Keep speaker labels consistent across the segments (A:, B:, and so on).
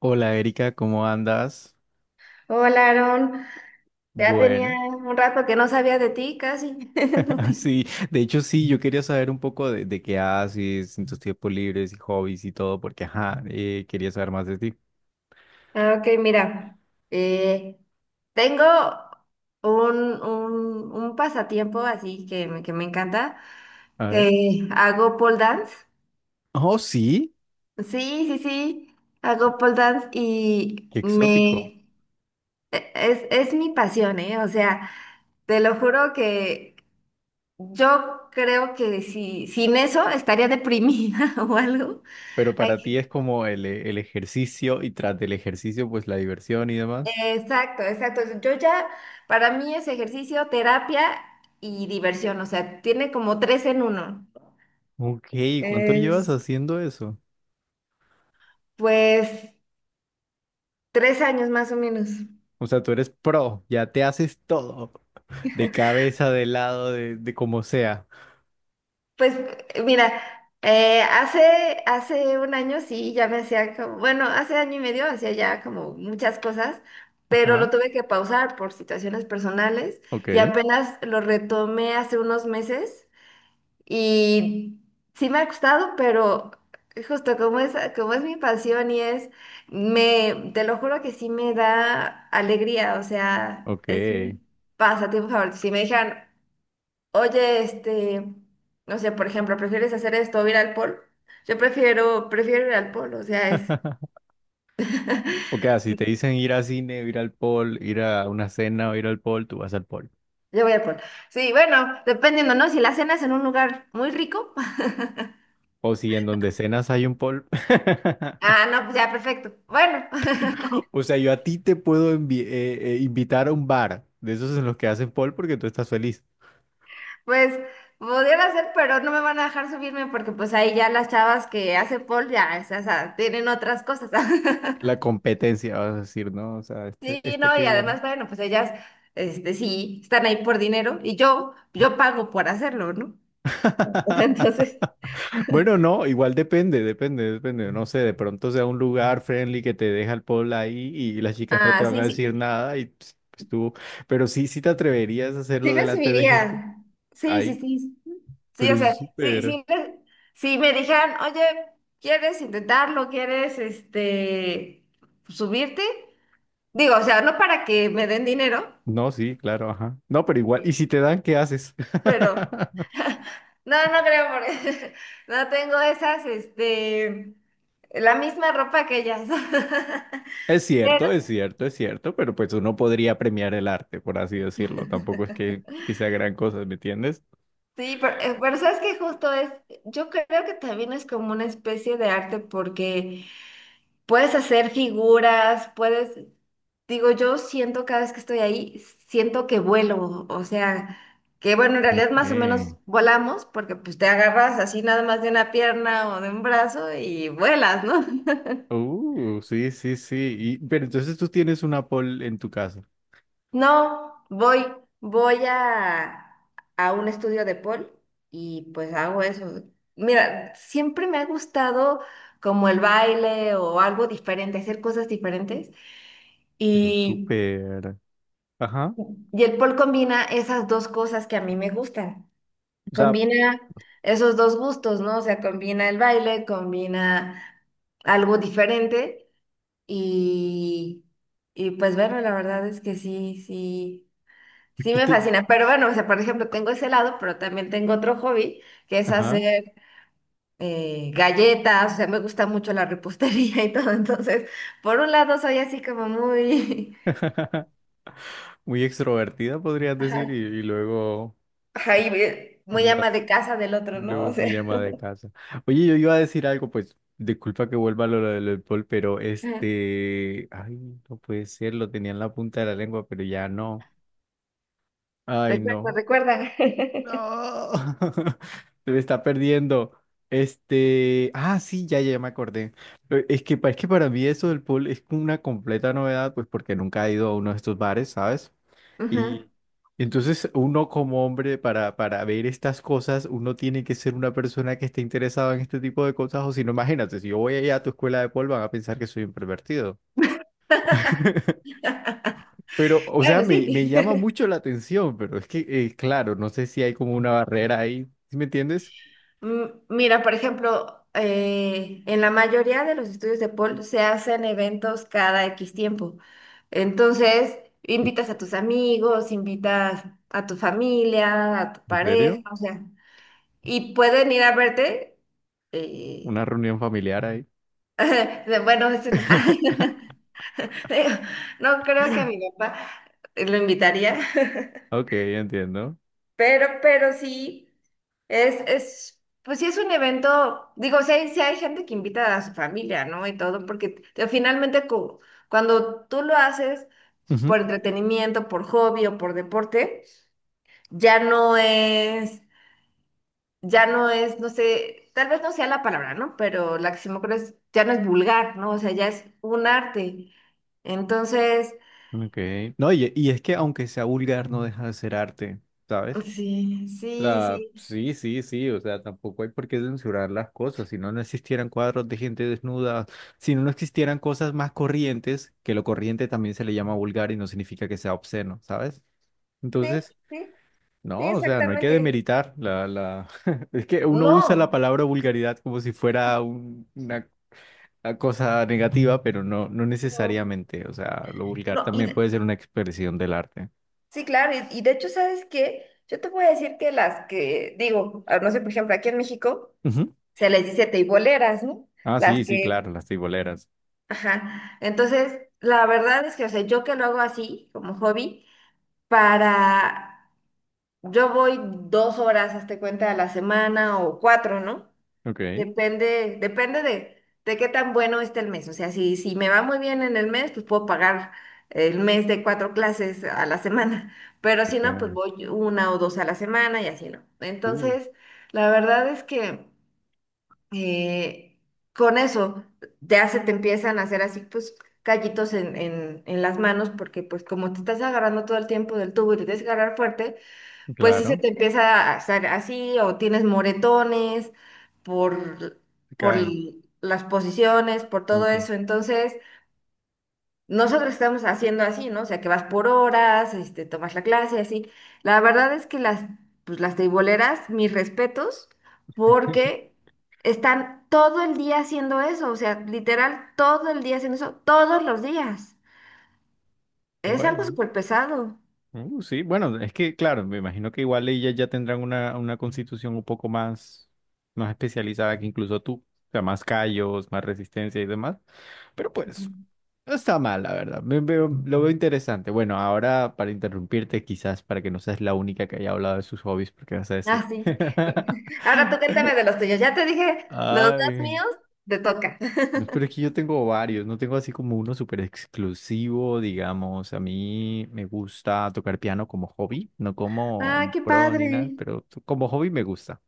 A: Hola, Erika, ¿cómo andas?
B: Hola, Aaron. Ya tenía
A: Bueno,
B: un rato que no sabía de ti, casi.
A: sí, de hecho sí, yo quería saber un poco de qué haces en tus tiempos libres y hobbies y todo, porque ajá, quería saber más de ti.
B: Ah, Ok, mira, eh, tengo un pasatiempo así que me encanta.
A: A ver.
B: Hago pole dance.
A: Oh, sí,
B: Sí, sí, sí, hago pole dance.
A: qué exótico.
B: Es mi pasión, ¿eh? O sea, te lo juro que yo creo que sin eso estaría deprimida o algo.
A: Pero para ti es como el ejercicio y tras del ejercicio, pues la diversión y demás.
B: Exacto, exacto. Para mí es ejercicio, terapia y diversión, o sea, tiene como tres en uno.
A: Ok, ¿cuánto llevas
B: Es,
A: haciendo eso?
B: pues, 3 años más o menos.
A: O sea, tú eres pro, ya te haces todo, de cabeza, de lado, de como sea.
B: Pues, mira, hace un año sí, ya me hacía como, bueno, hace año y medio hacía ya como muchas cosas, pero lo
A: Ajá,
B: tuve que pausar por situaciones personales y
A: ok,
B: apenas lo retomé hace unos meses. Y sí me ha gustado, pero justo como es mi pasión y es, te lo juro que sí me da alegría, o sea,
A: ok.
B: es mi pasatiempo favorito. Si me dijeran, oye, este, no sé, por ejemplo, ¿prefieres hacer esto o ir al polo? Yo prefiero ir al polo, o sea, es,
A: O sea, si te dicen ir al cine, ir al pool, ir a una cena o ir al pool, tú vas al pool.
B: yo voy al polo. Sí, bueno, dependiendo, ¿no? Si la cena es en un lugar muy rico,
A: O si en donde cenas hay un pool.
B: ah, no, pues ya, perfecto. Bueno.
A: O sea, yo a ti te puedo invitar a un bar de esos en los que hacen pool porque tú estás feliz.
B: Pues pudiera ser, pero no me van a dejar subirme porque pues ahí ya las chavas que hacen pole ya, o sea, tienen otras cosas.
A: La competencia, vas a decir, ¿no? O sea,
B: Sí,
A: este
B: no,
A: que
B: y
A: viene.
B: además, bueno, pues ellas, este, sí, están ahí por dinero y yo pago por hacerlo, ¿no? Entonces,
A: Bueno, no, igual depende. No sé, de pronto sea un lugar friendly que te deja el pool ahí y las chicas no te
B: ah,
A: van
B: sí,
A: a decir
B: sí,
A: nada y pues, pues, tú. Pero sí, sí te atreverías a
B: sí
A: hacerlo
B: me
A: delante de gente.
B: subiría. Sí, sí,
A: Ay,
B: sí. Sí,
A: pero
B: o
A: es
B: sea, sí,
A: súper.
B: sí, si me dijeran, oye, ¿quieres intentarlo? ¿Quieres, este, subirte? Digo, o sea, no para que me den dinero.
A: No, sí, claro, ajá. No, pero igual, ¿y si te dan, qué haces?
B: Pero no, no creo por no tengo esas, este, la misma ropa que ellas. Pero
A: Es cierto, pero pues uno podría premiar el arte, por así decirlo. Tampoco es que sea gran cosa, ¿me entiendes?
B: sí, pero sabes que justo es, yo creo que también es como una especie de arte porque puedes hacer figuras, puedes, digo, yo siento cada vez que estoy ahí, siento que vuelo, o sea, que bueno, en realidad
A: Ok.
B: más o menos volamos porque pues te agarras así nada más de una pierna o de un brazo y vuelas, ¿no?
A: Sí, sí, sí. Y, pero entonces tú tienes una pole en tu casa.
B: No, voy a un estudio de Paul y pues hago eso. Mira, siempre me ha gustado como el baile o algo diferente, hacer cosas diferentes.
A: Pero
B: Y,
A: súper. Ajá.
B: y el Paul combina esas dos cosas que a mí me gustan.
A: O sea,
B: Combina esos dos gustos, ¿no? O sea, combina el baile, combina algo diferente y, y pues bueno, la verdad es que sí, sí. Sí
A: aquí
B: me
A: te.
B: fascina, pero bueno, o sea, por ejemplo, tengo ese lado, pero también tengo otro hobby, que es
A: Ajá.
B: hacer galletas, o sea, me gusta mucho la repostería y todo, entonces, por un lado soy así como muy,
A: Muy extrovertida, podrías decir,
B: ajá,
A: y luego.
B: ajá, y muy ama de casa del otro, ¿no?
A: Luego
B: O sea,
A: muy ama de casa. Oye, yo iba a decir algo, pues, disculpa que vuelva a lo del alcohol, pero
B: ajá,
A: ay, no puede ser, lo tenía en la punta de la lengua, pero ya no. Ay,
B: recuerda,
A: no.
B: recuerda.
A: No. Se me está perdiendo. Ah, sí, ya me acordé. Es que, es que para mí eso del pool es una completa novedad, pues porque nunca he ido a uno de estos bares, ¿sabes?
B: Ajá.
A: Y entonces uno como hombre para ver estas cosas, uno tiene que ser una persona que esté interesada en este tipo de cosas, o si no, imagínate, si yo voy allá a tu escuela de pol van a pensar que soy un pervertido. Pero, o sea,
B: Bueno,
A: me
B: sí.
A: llama mucho la atención, pero es que, claro, no sé si hay como una barrera ahí, ¿sí me entiendes?
B: Mira, por ejemplo, en la mayoría de los estudios de Paul se hacen eventos cada X tiempo. Entonces, invitas a tus amigos, invitas a tu familia, a tu
A: ¿En
B: pareja,
A: serio?
B: o sea, y pueden ir a verte. eh,
A: ¿Una reunión familiar ahí?
B: bueno, ese no. No creo que a mi papá lo invitaría.
A: Ok, entiendo.
B: Pero sí, es, pues sí es un evento, digo, sí hay gente que invita a su familia, ¿no? Y todo, porque finalmente cuando tú lo haces
A: Ujú.
B: por entretenimiento, por hobby o por deporte, ya no es, ya no es, no sé, tal vez no sea la palabra, ¿no? Pero la que se me ocurre es, ya no es vulgar, ¿no? O sea, ya es un arte. Entonces,
A: Ok. No, y es que aunque sea vulgar, no deja de ser arte, ¿sabes?
B: sí, sí,
A: La,
B: sí.
A: sí, sí, sí, o sea, tampoco hay por qué censurar las cosas. Si no, no existieran cuadros de gente desnuda, si no, no existieran cosas más corrientes, que lo corriente también se le llama vulgar y no significa que sea obsceno, ¿sabes?
B: Sí,
A: Entonces,
B: sí, sí,
A: no, o sea, no hay que
B: exactamente.
A: demeritar la... Es que uno usa
B: No.
A: la palabra vulgaridad como si fuera una cosa negativa, pero no, no
B: No.
A: necesariamente. O sea, lo vulgar
B: No, y
A: también puede ser una expresión del arte.
B: sí, claro, y de hecho, ¿sabes qué? Yo te voy a decir que las que, digo, ah, no sé, por ejemplo, aquí en México
A: Ujú.
B: se les dice teiboleras, ¿no?
A: Ah,
B: Las
A: sí, sí, claro,
B: que,
A: las tiboleras.
B: ajá. Entonces, la verdad es que, o sea, yo que lo hago así, como hobby, para, yo voy 2 horas, hazte cuenta, a la semana o cuatro, ¿no?
A: Ok.
B: Depende, depende de qué tan bueno esté el mes. O sea, si me va muy bien en el mes, pues puedo pagar el mes de cuatro clases a la semana. Pero si
A: Ok.
B: no, pues voy una o dos a la semana y así no.
A: Uh.
B: Entonces, la verdad es que eh, con eso ya se te empiezan a hacer así, pues, callitos en las manos, porque pues como te estás agarrando todo el tiempo del tubo y te tienes que agarrar fuerte, pues sí se
A: Claro,
B: te empieza a hacer así o tienes moretones por,
A: se
B: por
A: caen.
B: l- las posiciones, por todo
A: Ok.
B: eso. Entonces, nosotros estamos haciendo así, ¿no? O sea, que vas por horas, este, tomas la clase, así. La verdad es que las, pues, las teiboleras, mis respetos, porque están todo el día haciendo eso, o sea, literal, todo el día haciendo eso, todos los días. Es algo
A: Bueno,
B: súper pesado.
A: sí, bueno, es que claro, me imagino que igual ellas ya tendrán una constitución un poco más, más especializada que incluso tú, o sea, más callos, más resistencia y demás, pero pues no está mal, la verdad, me veo- lo veo interesante. Bueno, ahora para interrumpirte quizás, para que no seas la única que haya hablado de sus hobbies, porque vas a
B: Ah,
A: decir.
B: sí. Ahora tú cuéntame de los tuyos. Ya te dije los dos
A: Ay.
B: míos, te toca.
A: No, pero es que yo tengo varios, no tengo así como uno súper exclusivo, digamos. A mí me gusta tocar piano como hobby, no como
B: Ah,
A: un
B: qué
A: pro ni nada,
B: padre.
A: pero como hobby me gusta.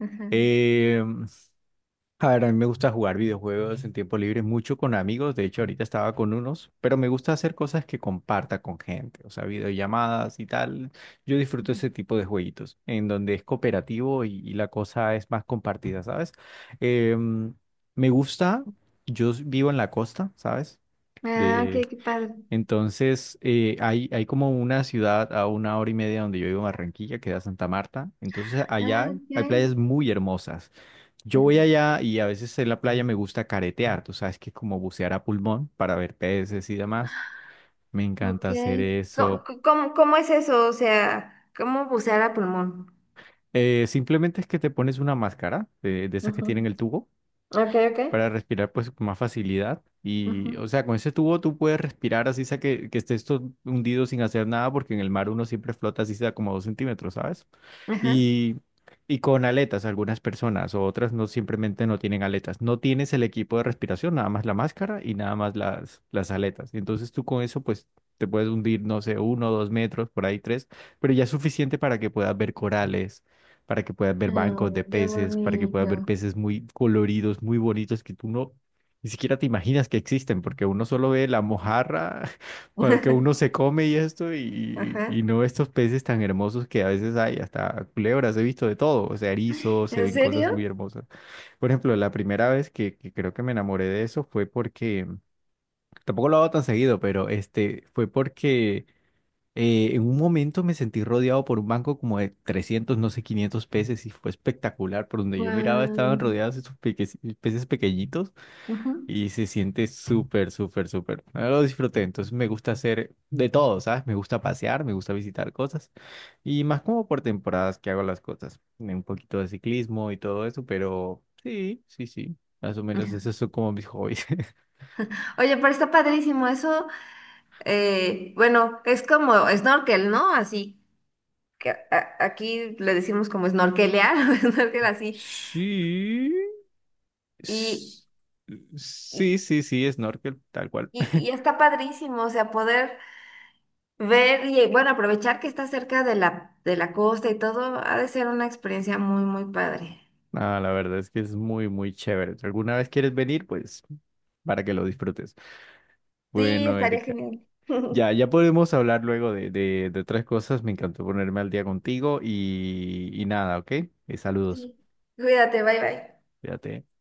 B: Ajá.
A: Em, a ver, a mí me gusta jugar videojuegos en tiempo libre mucho con amigos. De hecho, ahorita estaba con unos, pero me gusta hacer cosas que comparta con gente, o sea, videollamadas y tal. Yo disfruto ese tipo de jueguitos en donde es cooperativo y la cosa es más compartida, ¿sabes? Em, me gusta, vivo en la costa, ¿sabes?
B: Ah, ok,
A: De,
B: qué padre.
A: entonces, hay como una ciudad a una hora y media donde yo vivo, en Barranquilla, que da Santa Marta. Entonces,
B: Ah,
A: allá hay
B: ok.
A: playas muy hermosas. Yo
B: Ajá.
A: voy allá y a veces en la playa me gusta caretear, tú sabes que como bucear a pulmón para ver peces y demás, me
B: Ok.
A: encanta hacer
B: ¿Cómo,
A: eso.
B: cómo, cómo cómo es eso? O sea, ¿cómo bucear a pulmón?
A: Simplemente es que te pones una máscara de esas que
B: Ujú.
A: tienen el tubo
B: Ok, ok.
A: para respirar pues con más facilidad
B: Ujú.
A: y o sea, con ese tubo tú puedes respirar así sea que estés todo hundido sin hacer nada porque en el mar uno siempre flota así sea como 2 centímetros, ¿sabes?
B: Ajá.
A: y, y con aletas algunas personas o otras no simplemente no tienen aletas. No tienes el equipo de respiración, nada más la máscara y nada más las aletas. Y entonces tú con eso pues te puedes hundir, no sé, uno, 2 metros, por ahí tres, pero ya es suficiente para que puedas ver corales, para que puedas ver bancos de
B: Oh, qué
A: peces, para que puedas
B: bonito.
A: ver peces muy coloridos, muy bonitos que tú no... Ni siquiera te imaginas que existen, porque uno solo ve la mojarra cuando que uno se come y esto, y
B: Ajá.
A: no estos peces tan hermosos que a veces hay, hasta culebras, he visto de todo, o sea, erizos, se
B: ¿En
A: ven cosas
B: serio?
A: muy hermosas. Por ejemplo, la primera vez que creo que me enamoré de eso fue porque, tampoco lo hago tan seguido, pero este, fue porque en un momento me sentí rodeado por un banco como de 300 no sé, 500 peces y fue espectacular, por donde yo miraba estaban
B: Guau.
A: rodeados peces pequeñitos
B: Ujú.
A: y se siente súper, súper, súper. Ah, lo disfruté, entonces me gusta hacer de todo, ¿sabes? Me gusta pasear, me gusta visitar cosas. Y más como por temporadas que hago las cosas. Un poquito de ciclismo y todo eso, pero sí, sí, sí. Más o menos esos son como mis hobbies.
B: Oye, pero está padrísimo. Eso bueno, es como snorkel, ¿no? Así que aquí le decimos como snorkelear, snorkel así.
A: Sí.
B: Y,
A: s-
B: y,
A: Sí, sí, sí, snorkel, tal cual.
B: y- y está padrísimo, o sea, poder ver y bueno, aprovechar que está cerca de la costa y todo, ha de ser una experiencia muy, muy padre.
A: Ah, la verdad es que es muy, muy chévere. Si alguna vez quieres venir, pues para que lo disfrutes.
B: Sí,
A: Bueno,
B: estaría
A: Erika.
B: genial.
A: Ya, ya podemos hablar luego de otras cosas. Me encantó ponerme al día contigo y nada, ¿ok? Y saludos.
B: Sí. Cuídate, bye bye.
A: Fíjate.